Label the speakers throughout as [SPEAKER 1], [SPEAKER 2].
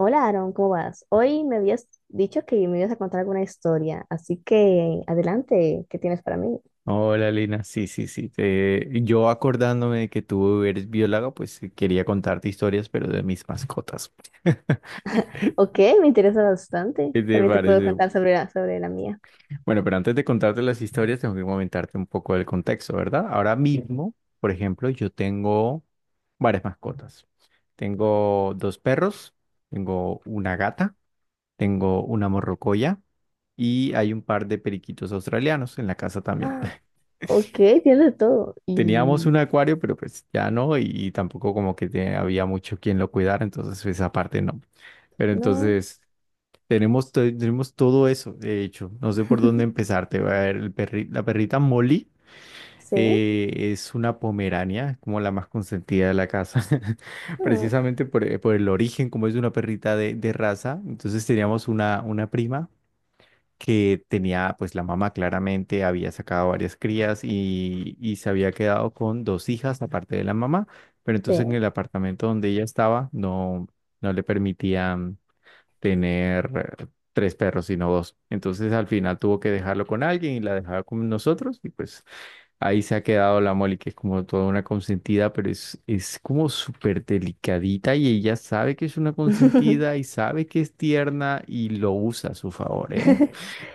[SPEAKER 1] Hola Aaron, ¿cómo vas? Hoy me habías dicho que me ibas a contar alguna historia, así que adelante, ¿qué tienes para mí?
[SPEAKER 2] Hola, Lina. Sí, sí, sí. Yo acordándome de que tú eres bióloga, pues quería contarte historias, pero de mis mascotas.
[SPEAKER 1] Ok, me interesa bastante.
[SPEAKER 2] ¿Qué te
[SPEAKER 1] También te puedo
[SPEAKER 2] parece?
[SPEAKER 1] contar sobre sobre la mía.
[SPEAKER 2] Bueno, pero antes de contarte las historias, tengo que comentarte un poco del contexto, ¿verdad? Ahora mismo, por ejemplo, yo tengo varias mascotas. Tengo dos perros, tengo una gata, tengo una morrocoya y hay un par de periquitos australianos en la casa también.
[SPEAKER 1] Ah, ok, tienes de todo.
[SPEAKER 2] Teníamos
[SPEAKER 1] Y
[SPEAKER 2] un acuario, pero pues ya no, y tampoco como que había mucho quien lo cuidara, entonces esa parte no. Pero
[SPEAKER 1] no,
[SPEAKER 2] entonces tenemos, tenemos todo eso, de hecho, no sé por dónde empezar. Te voy a ver, la perrita Molly
[SPEAKER 1] sí,
[SPEAKER 2] es una pomerania, como la más consentida de la casa,
[SPEAKER 1] ah,
[SPEAKER 2] precisamente por el origen, como es una perrita de raza. Entonces teníamos una prima que tenía, pues la mamá claramente había sacado varias crías y se había quedado con dos hijas aparte de la mamá, pero entonces en
[SPEAKER 1] sí.
[SPEAKER 2] el apartamento donde ella estaba no, no le permitían tener eh, tres perros, sino dos. Entonces al final tuvo que dejarlo con alguien y la dejaba con nosotros y pues ahí se ha quedado la Molly, que es como toda una consentida, pero es como súper delicadita y ella sabe que es una consentida y sabe que es tierna y lo usa a su favor, ¿eh?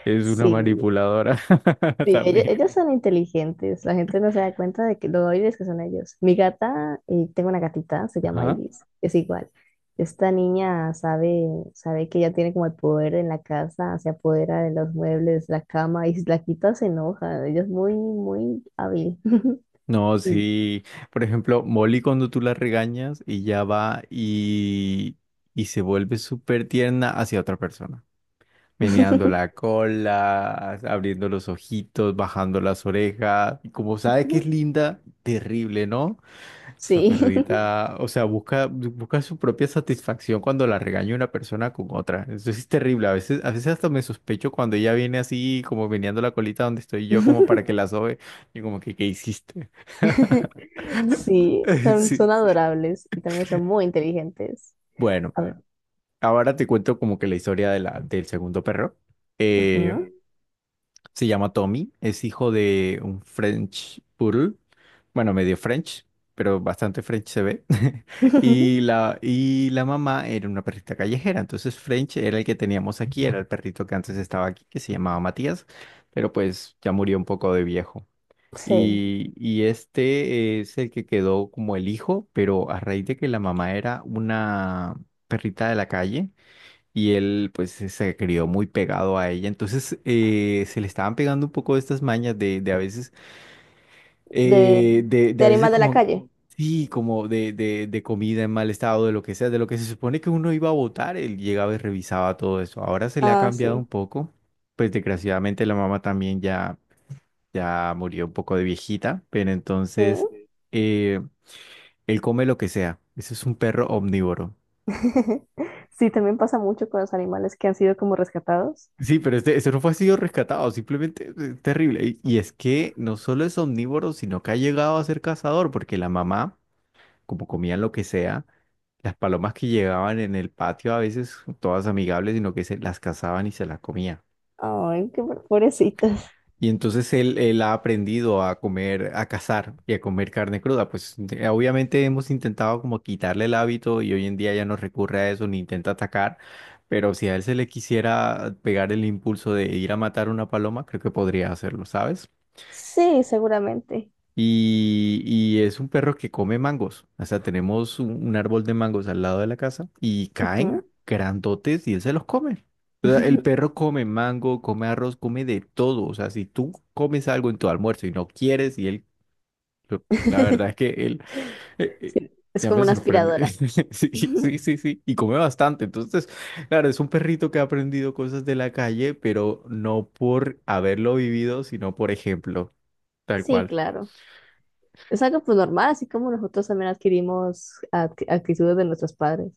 [SPEAKER 2] Es una
[SPEAKER 1] Sí,
[SPEAKER 2] manipuladora
[SPEAKER 1] Sí, ellos,
[SPEAKER 2] también.
[SPEAKER 1] ellos son inteligentes, la gente no se da cuenta de que lo hábiles que son ellos. Mi gata, tengo una gatita, se llama
[SPEAKER 2] Ajá.
[SPEAKER 1] Iris, es igual. Esta niña sabe que ella tiene como el poder en la casa, se apodera de los muebles, la cama, y si la quita se enoja. Ella es muy, muy hábil.
[SPEAKER 2] No,
[SPEAKER 1] Sí.
[SPEAKER 2] sí. Por ejemplo, Molly cuando tú la regañas y ya va y se vuelve súper tierna hacia otra persona. Meneando
[SPEAKER 1] Genial.
[SPEAKER 2] la cola, abriendo los ojitos, bajando las orejas. Y como sabe que es linda, terrible, ¿no? Esa
[SPEAKER 1] Sí.
[SPEAKER 2] perrita, o sea, busca, busca su propia satisfacción cuando la regaña una persona con otra. Eso sí es terrible. A veces hasta me sospecho cuando ella viene así, como meneando la colita donde estoy yo, como para que la sobe. Y como que, ¿qué hiciste?
[SPEAKER 1] Sí, son,
[SPEAKER 2] Sí.
[SPEAKER 1] son adorables y también son muy inteligentes.
[SPEAKER 2] Bueno,
[SPEAKER 1] A ver.
[SPEAKER 2] ahora te cuento como que la historia de la, del segundo perro. Eh,
[SPEAKER 1] Bueno,
[SPEAKER 2] Se llama Tommy, es hijo de un French Poodle, bueno, medio French, pero bastante French se ve. Y
[SPEAKER 1] ujú.
[SPEAKER 2] la, y la mamá era una perrita callejera, entonces French era el que teníamos aquí, era el perrito que antes estaba aquí, que se llamaba Matías, pero pues ya murió un poco de viejo.
[SPEAKER 1] Sí.
[SPEAKER 2] Y este es el que quedó como el hijo, pero a raíz de que la mamá era una perrita de la calle y él pues se crió muy pegado a ella. Entonces se le estaban pegando un poco estas mañas de,
[SPEAKER 1] De,
[SPEAKER 2] de
[SPEAKER 1] de
[SPEAKER 2] a veces
[SPEAKER 1] animales de la
[SPEAKER 2] como,
[SPEAKER 1] calle.
[SPEAKER 2] sí, como de comida en mal estado, de lo que sea, de lo que se supone que uno iba a votar, él llegaba y revisaba todo eso. Ahora se le ha
[SPEAKER 1] Ah, claro.
[SPEAKER 2] cambiado un
[SPEAKER 1] Sí,
[SPEAKER 2] poco. Pues desgraciadamente la mamá también ya, ya murió un poco de viejita, pero entonces
[SPEAKER 1] sí.
[SPEAKER 2] eh, él come lo que sea. Ese es un perro omnívoro.
[SPEAKER 1] Sí. Sí, también pasa mucho con los animales que han sido como rescatados.
[SPEAKER 2] Sí, pero este no fue sido rescatado, simplemente terrible. Y es que no solo es omnívoro, sino que ha llegado a ser cazador, porque la mamá, como comían lo que sea, las palomas que llegaban en el patio a veces, todas amigables, sino que se las cazaban y se las comía.
[SPEAKER 1] Ay, qué pobrecitos.
[SPEAKER 2] Y entonces él ha aprendido a comer, a cazar y a comer carne cruda. Pues obviamente hemos intentado como quitarle el hábito y hoy en día ya no recurre a eso ni intenta atacar. Pero si a él se le quisiera pegar el impulso de ir a matar una paloma, creo que podría hacerlo, ¿sabes?
[SPEAKER 1] Sí, seguramente.
[SPEAKER 2] Y es un perro que come mangos. O sea, tenemos un árbol de mangos al lado de la casa y caen
[SPEAKER 1] Ujú.
[SPEAKER 2] grandotes y él se los come. O sea, el perro come mango, come arroz, come de todo. O sea, si tú comes algo en tu almuerzo y no quieres, y él, la verdad
[SPEAKER 1] Claro.
[SPEAKER 2] es que él, eh, eh,
[SPEAKER 1] Sí, es
[SPEAKER 2] ya
[SPEAKER 1] como
[SPEAKER 2] me
[SPEAKER 1] una
[SPEAKER 2] sorprende.
[SPEAKER 1] aspiradora.
[SPEAKER 2] Sí, sí, sí, sí. Y come bastante. Entonces, claro, es un perrito que ha aprendido cosas de la calle, pero no por haberlo vivido, sino por ejemplo, tal
[SPEAKER 1] Sí,
[SPEAKER 2] cual.
[SPEAKER 1] claro, claro. Es algo pues normal, así como nosotros también adquirimos actitudes de nuestros padres.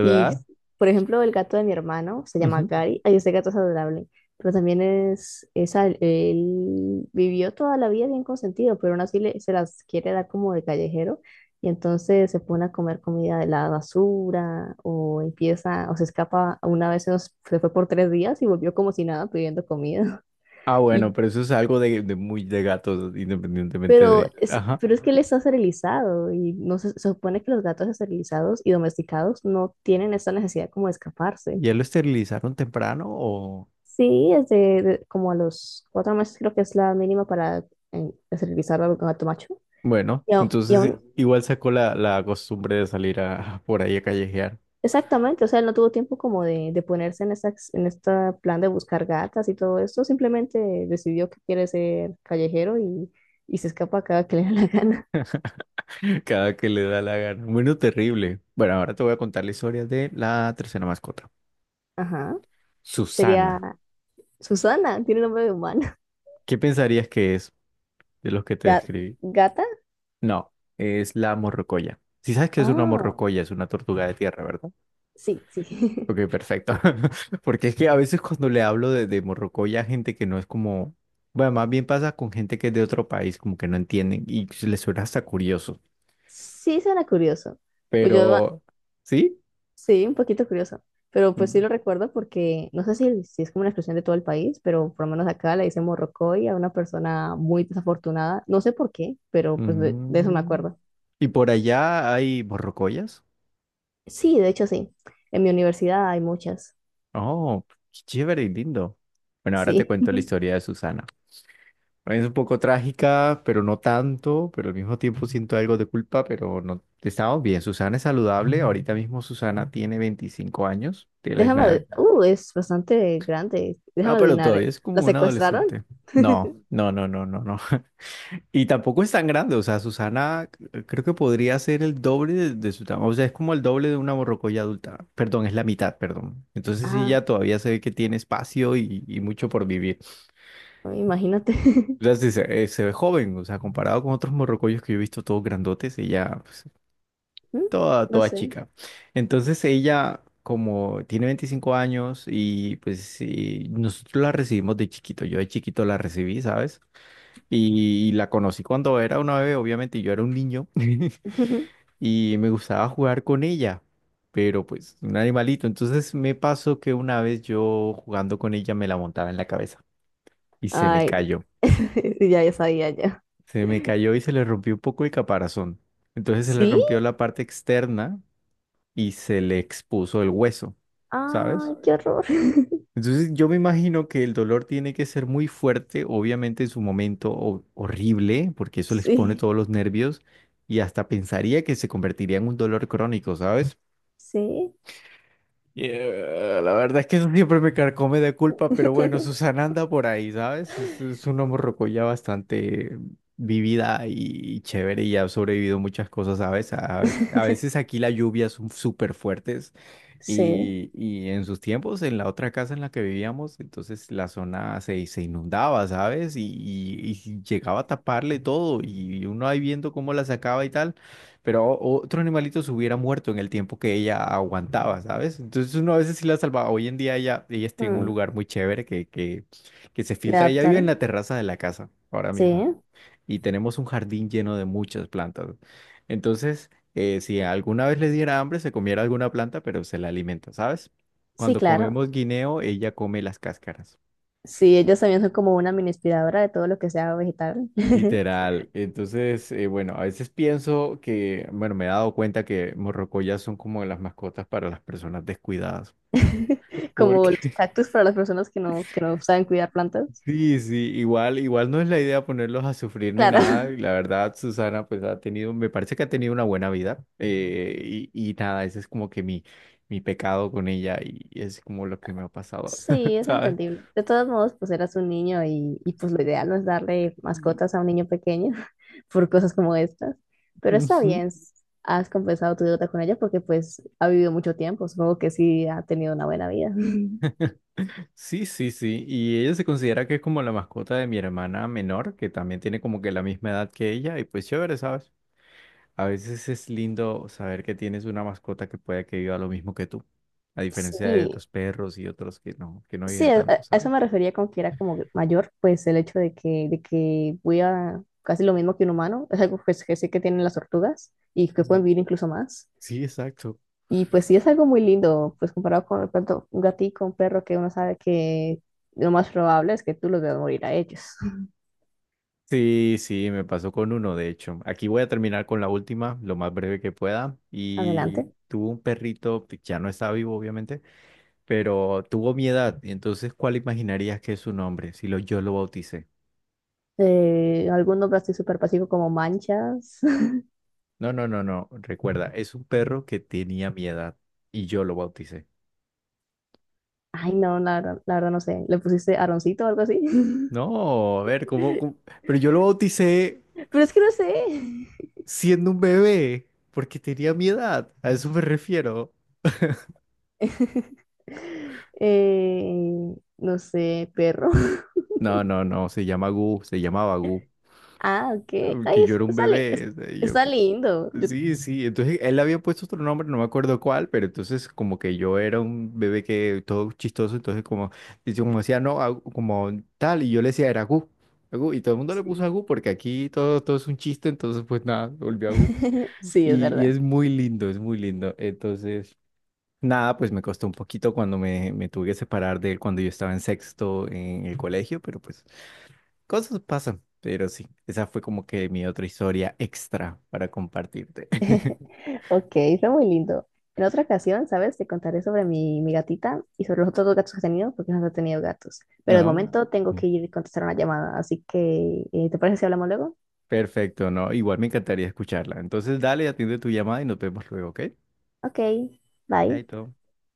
[SPEAKER 1] Y, por ejemplo, el gato de mi hermano se llama Gary. Ay, ese gato es adorable, pero también es él vivió toda la vida bien consentido, pero aún así se las quiere dar como de callejero y entonces se pone a comer comida de la basura o empieza o se escapa. Una vez se fue por 3 días y volvió como si nada pidiendo comida.
[SPEAKER 2] Ah, bueno,
[SPEAKER 1] Y
[SPEAKER 2] pero eso es algo de muy de gatos, independientemente
[SPEAKER 1] Pero
[SPEAKER 2] de...
[SPEAKER 1] es,
[SPEAKER 2] Ajá.
[SPEAKER 1] pero es que él está esterilizado y no se supone que los gatos esterilizados y domesticados no tienen esta necesidad como de escaparse.
[SPEAKER 2] ¿Ya lo esterilizaron temprano o...?
[SPEAKER 1] Sí, es como a los 4 meses creo que es la mínima para esterilizar al gato macho.
[SPEAKER 2] Bueno,
[SPEAKER 1] Y
[SPEAKER 2] entonces
[SPEAKER 1] aún,
[SPEAKER 2] igual sacó la costumbre de salir a, por ahí a callejear
[SPEAKER 1] exactamente, o sea, él no tuvo tiempo como de ponerse en en este plan de buscar gatas y todo esto, simplemente decidió que quiere ser callejero y se escapa cada que le da la gana.
[SPEAKER 2] cada que le da la gana. Bueno, terrible. Bueno, ahora te voy a contar la historia de la tercera mascota,
[SPEAKER 1] Ajá, sería
[SPEAKER 2] Susana.
[SPEAKER 1] Susana, tiene nombre de humana.
[SPEAKER 2] ¿Qué pensarías que es de los que te
[SPEAKER 1] Ga-
[SPEAKER 2] describí?
[SPEAKER 1] Gata.
[SPEAKER 2] No, es la morrocoya. Si sabes que es una
[SPEAKER 1] Ah,
[SPEAKER 2] morrocoya, es una tortuga de tierra, ¿verdad?
[SPEAKER 1] sí, sí.
[SPEAKER 2] Ok, perfecto. Porque es que a veces cuando le hablo de Morrocoy a gente que no es como, bueno, más bien pasa con gente que es de otro país, como que no entienden y se les suena hasta curioso.
[SPEAKER 1] Sí suena curioso. Pues yo, ah,
[SPEAKER 2] Pero, ¿sí?
[SPEAKER 1] sí, un poquito curioso. Pero pues sí
[SPEAKER 2] Mm,
[SPEAKER 1] lo recuerdo porque no sé si es como una expresión de todo el país, pero por lo menos acá le dicen morrocoy a una persona muy desafortunada. No sé por qué, pero pues de eso me
[SPEAKER 2] mm.
[SPEAKER 1] acuerdo.
[SPEAKER 2] ¿Y por allá hay morrocoyas?
[SPEAKER 1] Sí, de hecho sí. En mi universidad hay muchas.
[SPEAKER 2] Oh, qué chévere y lindo. Bueno, ahora te
[SPEAKER 1] Sí.
[SPEAKER 2] cuento la historia de Susana. Es un poco trágica, pero no tanto, pero al mismo tiempo siento algo de culpa, pero no estamos bien. Susana es saludable, ahorita mismo Susana tiene 25 años, tiene la misma edad.
[SPEAKER 1] Es bastante grande.
[SPEAKER 2] No,
[SPEAKER 1] Déjame
[SPEAKER 2] pero todavía
[SPEAKER 1] adivinar.
[SPEAKER 2] es como
[SPEAKER 1] ¿La
[SPEAKER 2] una
[SPEAKER 1] secuestraron?
[SPEAKER 2] adolescente. No, no, no, no, no, no. Y tampoco es tan grande, o sea, Susana creo que podría ser el doble de su tamaño, o sea, es como el doble de una borrocoya adulta. Perdón, es la mitad, perdón. Entonces sí,
[SPEAKER 1] Ah,
[SPEAKER 2] ya todavía se ve que tiene espacio y mucho por vivir.
[SPEAKER 1] imagínate.
[SPEAKER 2] Entonces, dice, se ve joven, o sea, comparado con otros morrocoyos que yo he visto todos grandotes, ella, pues,
[SPEAKER 1] ¿Mm?
[SPEAKER 2] toda,
[SPEAKER 1] No
[SPEAKER 2] toda
[SPEAKER 1] sé.
[SPEAKER 2] chica. Entonces ella, como tiene 25 años y pues sí, nosotros la recibimos de chiquito, yo de chiquito la recibí, ¿sabes? Y la conocí cuando era una bebé, obviamente yo era un niño y me gustaba jugar con ella, pero pues un animalito. Entonces me pasó que una vez yo jugando con ella me la montaba en la cabeza y se me
[SPEAKER 1] Ay,
[SPEAKER 2] cayó.
[SPEAKER 1] ya, ya sabía ya.
[SPEAKER 2] Se me cayó y se le rompió un poco el caparazón. Entonces se le
[SPEAKER 1] ¿Sí?
[SPEAKER 2] rompió la parte externa y se le expuso el hueso, ¿sabes?
[SPEAKER 1] Ay, qué horror.
[SPEAKER 2] Entonces yo me imagino que el dolor tiene que ser muy fuerte, obviamente en su momento horrible, porque eso le expone
[SPEAKER 1] Sí,
[SPEAKER 2] todos los nervios y hasta pensaría que se convertiría en un dolor crónico, ¿sabes?
[SPEAKER 1] sí,
[SPEAKER 2] Yeah, la verdad es que eso siempre me carcome de culpa, pero bueno, Susana anda por ahí, ¿sabes? Es una morrocoya bastante vivida y chévere y ha sobrevivido muchas cosas, ¿sabes? A veces aquí las lluvias son súper fuertes
[SPEAKER 1] sí.
[SPEAKER 2] y en sus tiempos, en la otra casa en la que vivíamos, entonces la zona se inundaba, ¿sabes? Y llegaba a taparle todo y uno ahí viendo cómo la sacaba y tal pero otro animalito se hubiera muerto en el tiempo que ella aguantaba, ¿sabes? Entonces uno a veces sí la salvaba. Hoy en día ella está en un
[SPEAKER 1] Mm,
[SPEAKER 2] lugar muy chévere que, que se
[SPEAKER 1] ¿Le
[SPEAKER 2] filtra. Ella vive en
[SPEAKER 1] adaptaron?
[SPEAKER 2] la terraza de la casa ahora
[SPEAKER 1] Sí,
[SPEAKER 2] mismo y tenemos un jardín lleno de muchas plantas. Entonces, si alguna vez le diera hambre, se comiera alguna planta, pero se la alimenta, ¿sabes?
[SPEAKER 1] sí,
[SPEAKER 2] Cuando
[SPEAKER 1] claro.
[SPEAKER 2] comemos guineo, ella come las cáscaras.
[SPEAKER 1] Sí, ellos también son como una mini aspiradora de todo lo que sea vegetal.
[SPEAKER 2] Literal. Entonces, bueno, a veces pienso que, bueno, me he dado cuenta que morrocoyas son como las mascotas para las personas descuidadas.
[SPEAKER 1] Como los
[SPEAKER 2] Porque
[SPEAKER 1] cactus para las personas que no saben cuidar plantas.
[SPEAKER 2] sí, sí, igual no es la idea ponerlos a sufrir ni
[SPEAKER 1] Claro.
[SPEAKER 2] nada. Y la verdad, Susana, pues ha tenido, me parece que ha tenido una buena vida. Y nada, ese es como que mi pecado con ella y es como lo que me ha pasado,
[SPEAKER 1] Sí, es
[SPEAKER 2] ¿sabes?
[SPEAKER 1] entendible. De todos modos, pues eras un niño y pues lo ideal no es darle
[SPEAKER 2] Y-
[SPEAKER 1] mascotas a un niño pequeño por cosas como estas. Pero está
[SPEAKER 2] Ujú.
[SPEAKER 1] bien, has compensado tu deuda con ella porque pues ha vivido mucho tiempo. Supongo que sí ha tenido una buena vida.
[SPEAKER 2] Sí, sí, sí. Y ella se considera que es como la mascota de mi hermana menor, que también tiene como que la misma edad que ella. Y pues chévere, ¿sabes? A veces es lindo saber que tienes una mascota que pueda que viva lo mismo que tú. A diferencia de
[SPEAKER 1] Sí,
[SPEAKER 2] tus perros y otros que no
[SPEAKER 1] sí,
[SPEAKER 2] viven tanto,
[SPEAKER 1] a
[SPEAKER 2] ¿sabes?
[SPEAKER 1] eso me refería con que era como mayor, pues el hecho de que, voy a casi lo mismo que un humano, es algo pues, que sé que tienen las tortugas y que
[SPEAKER 2] Mm.
[SPEAKER 1] pueden vivir incluso más.
[SPEAKER 2] Sí, exacto.
[SPEAKER 1] Y pues sí es algo muy lindo, pues comparado con de pronto, un gatito, un perro que uno sabe que lo más probable es que tú los veas morir a ellos.
[SPEAKER 2] Sí, sí, me pasó con uno, de hecho. Aquí voy a terminar con la última, lo más breve que pueda. Y
[SPEAKER 1] Adelante.
[SPEAKER 2] tuvo un perrito, que ya no está vivo, obviamente pero tuvo mi edad, y entonces, ¿cuál imaginarías que es su nombre si yo lo bauticé?
[SPEAKER 1] Algún nombre así súper pasivo como manchas.
[SPEAKER 2] No, no, no, no, recuerda, es un perro que tenía mi edad y yo lo bauticé.
[SPEAKER 1] Ay, no, la verdad no sé. ¿Le pusiste Aroncito o algo así?
[SPEAKER 2] No, a ver, ¿cómo, cómo? Pero yo lo bauticé
[SPEAKER 1] Pero es que no sé.
[SPEAKER 2] siendo un bebé porque tenía mi edad, a eso me refiero.
[SPEAKER 1] Eh, no sé, perro.
[SPEAKER 2] No, no, no, se llama Gu, se llamaba Gu,
[SPEAKER 1] Ah, ok. Ay,
[SPEAKER 2] que yo era un
[SPEAKER 1] está, li- es-
[SPEAKER 2] bebé, o sea, y yo,
[SPEAKER 1] está lindo.
[SPEAKER 2] sí, sí, entonces él había puesto otro nombre, no me acuerdo cuál, pero entonces como que yo era un bebé que todo chistoso, entonces como, y como decía, no, Agu- como tal, y yo le decía, era Agu, Agu, y todo el mundo le puso
[SPEAKER 1] Sí.
[SPEAKER 2] Agu porque aquí todo, todo es un chiste, entonces pues nada, volvió Agu.
[SPEAKER 1] Sí, es
[SPEAKER 2] Y
[SPEAKER 1] verdad.
[SPEAKER 2] es muy lindo, es muy lindo. Entonces, nada, pues me costó un poquito cuando me tuve que separar de él cuando yo estaba en sexto en el colegio, pero pues cosas pasan, pero sí, esa fue como que mi otra historia extra para compartirte.
[SPEAKER 1] Ok, está muy lindo. En otra ocasión, ¿sabes? Te contaré sobre mi gatita y sobre los otros dos gatos que he tenido, porque no he tenido gatos. Pero de
[SPEAKER 2] No.
[SPEAKER 1] momento tengo
[SPEAKER 2] Mm.
[SPEAKER 1] que ir a contestar una llamada, así que, ¿te parece si hablamos luego?
[SPEAKER 2] Perfecto, no, igual me encantaría escucharla. Entonces, dale, atiende tu llamada y nos vemos luego, ¿ok?
[SPEAKER 1] Ok, bye.
[SPEAKER 2] Chaito.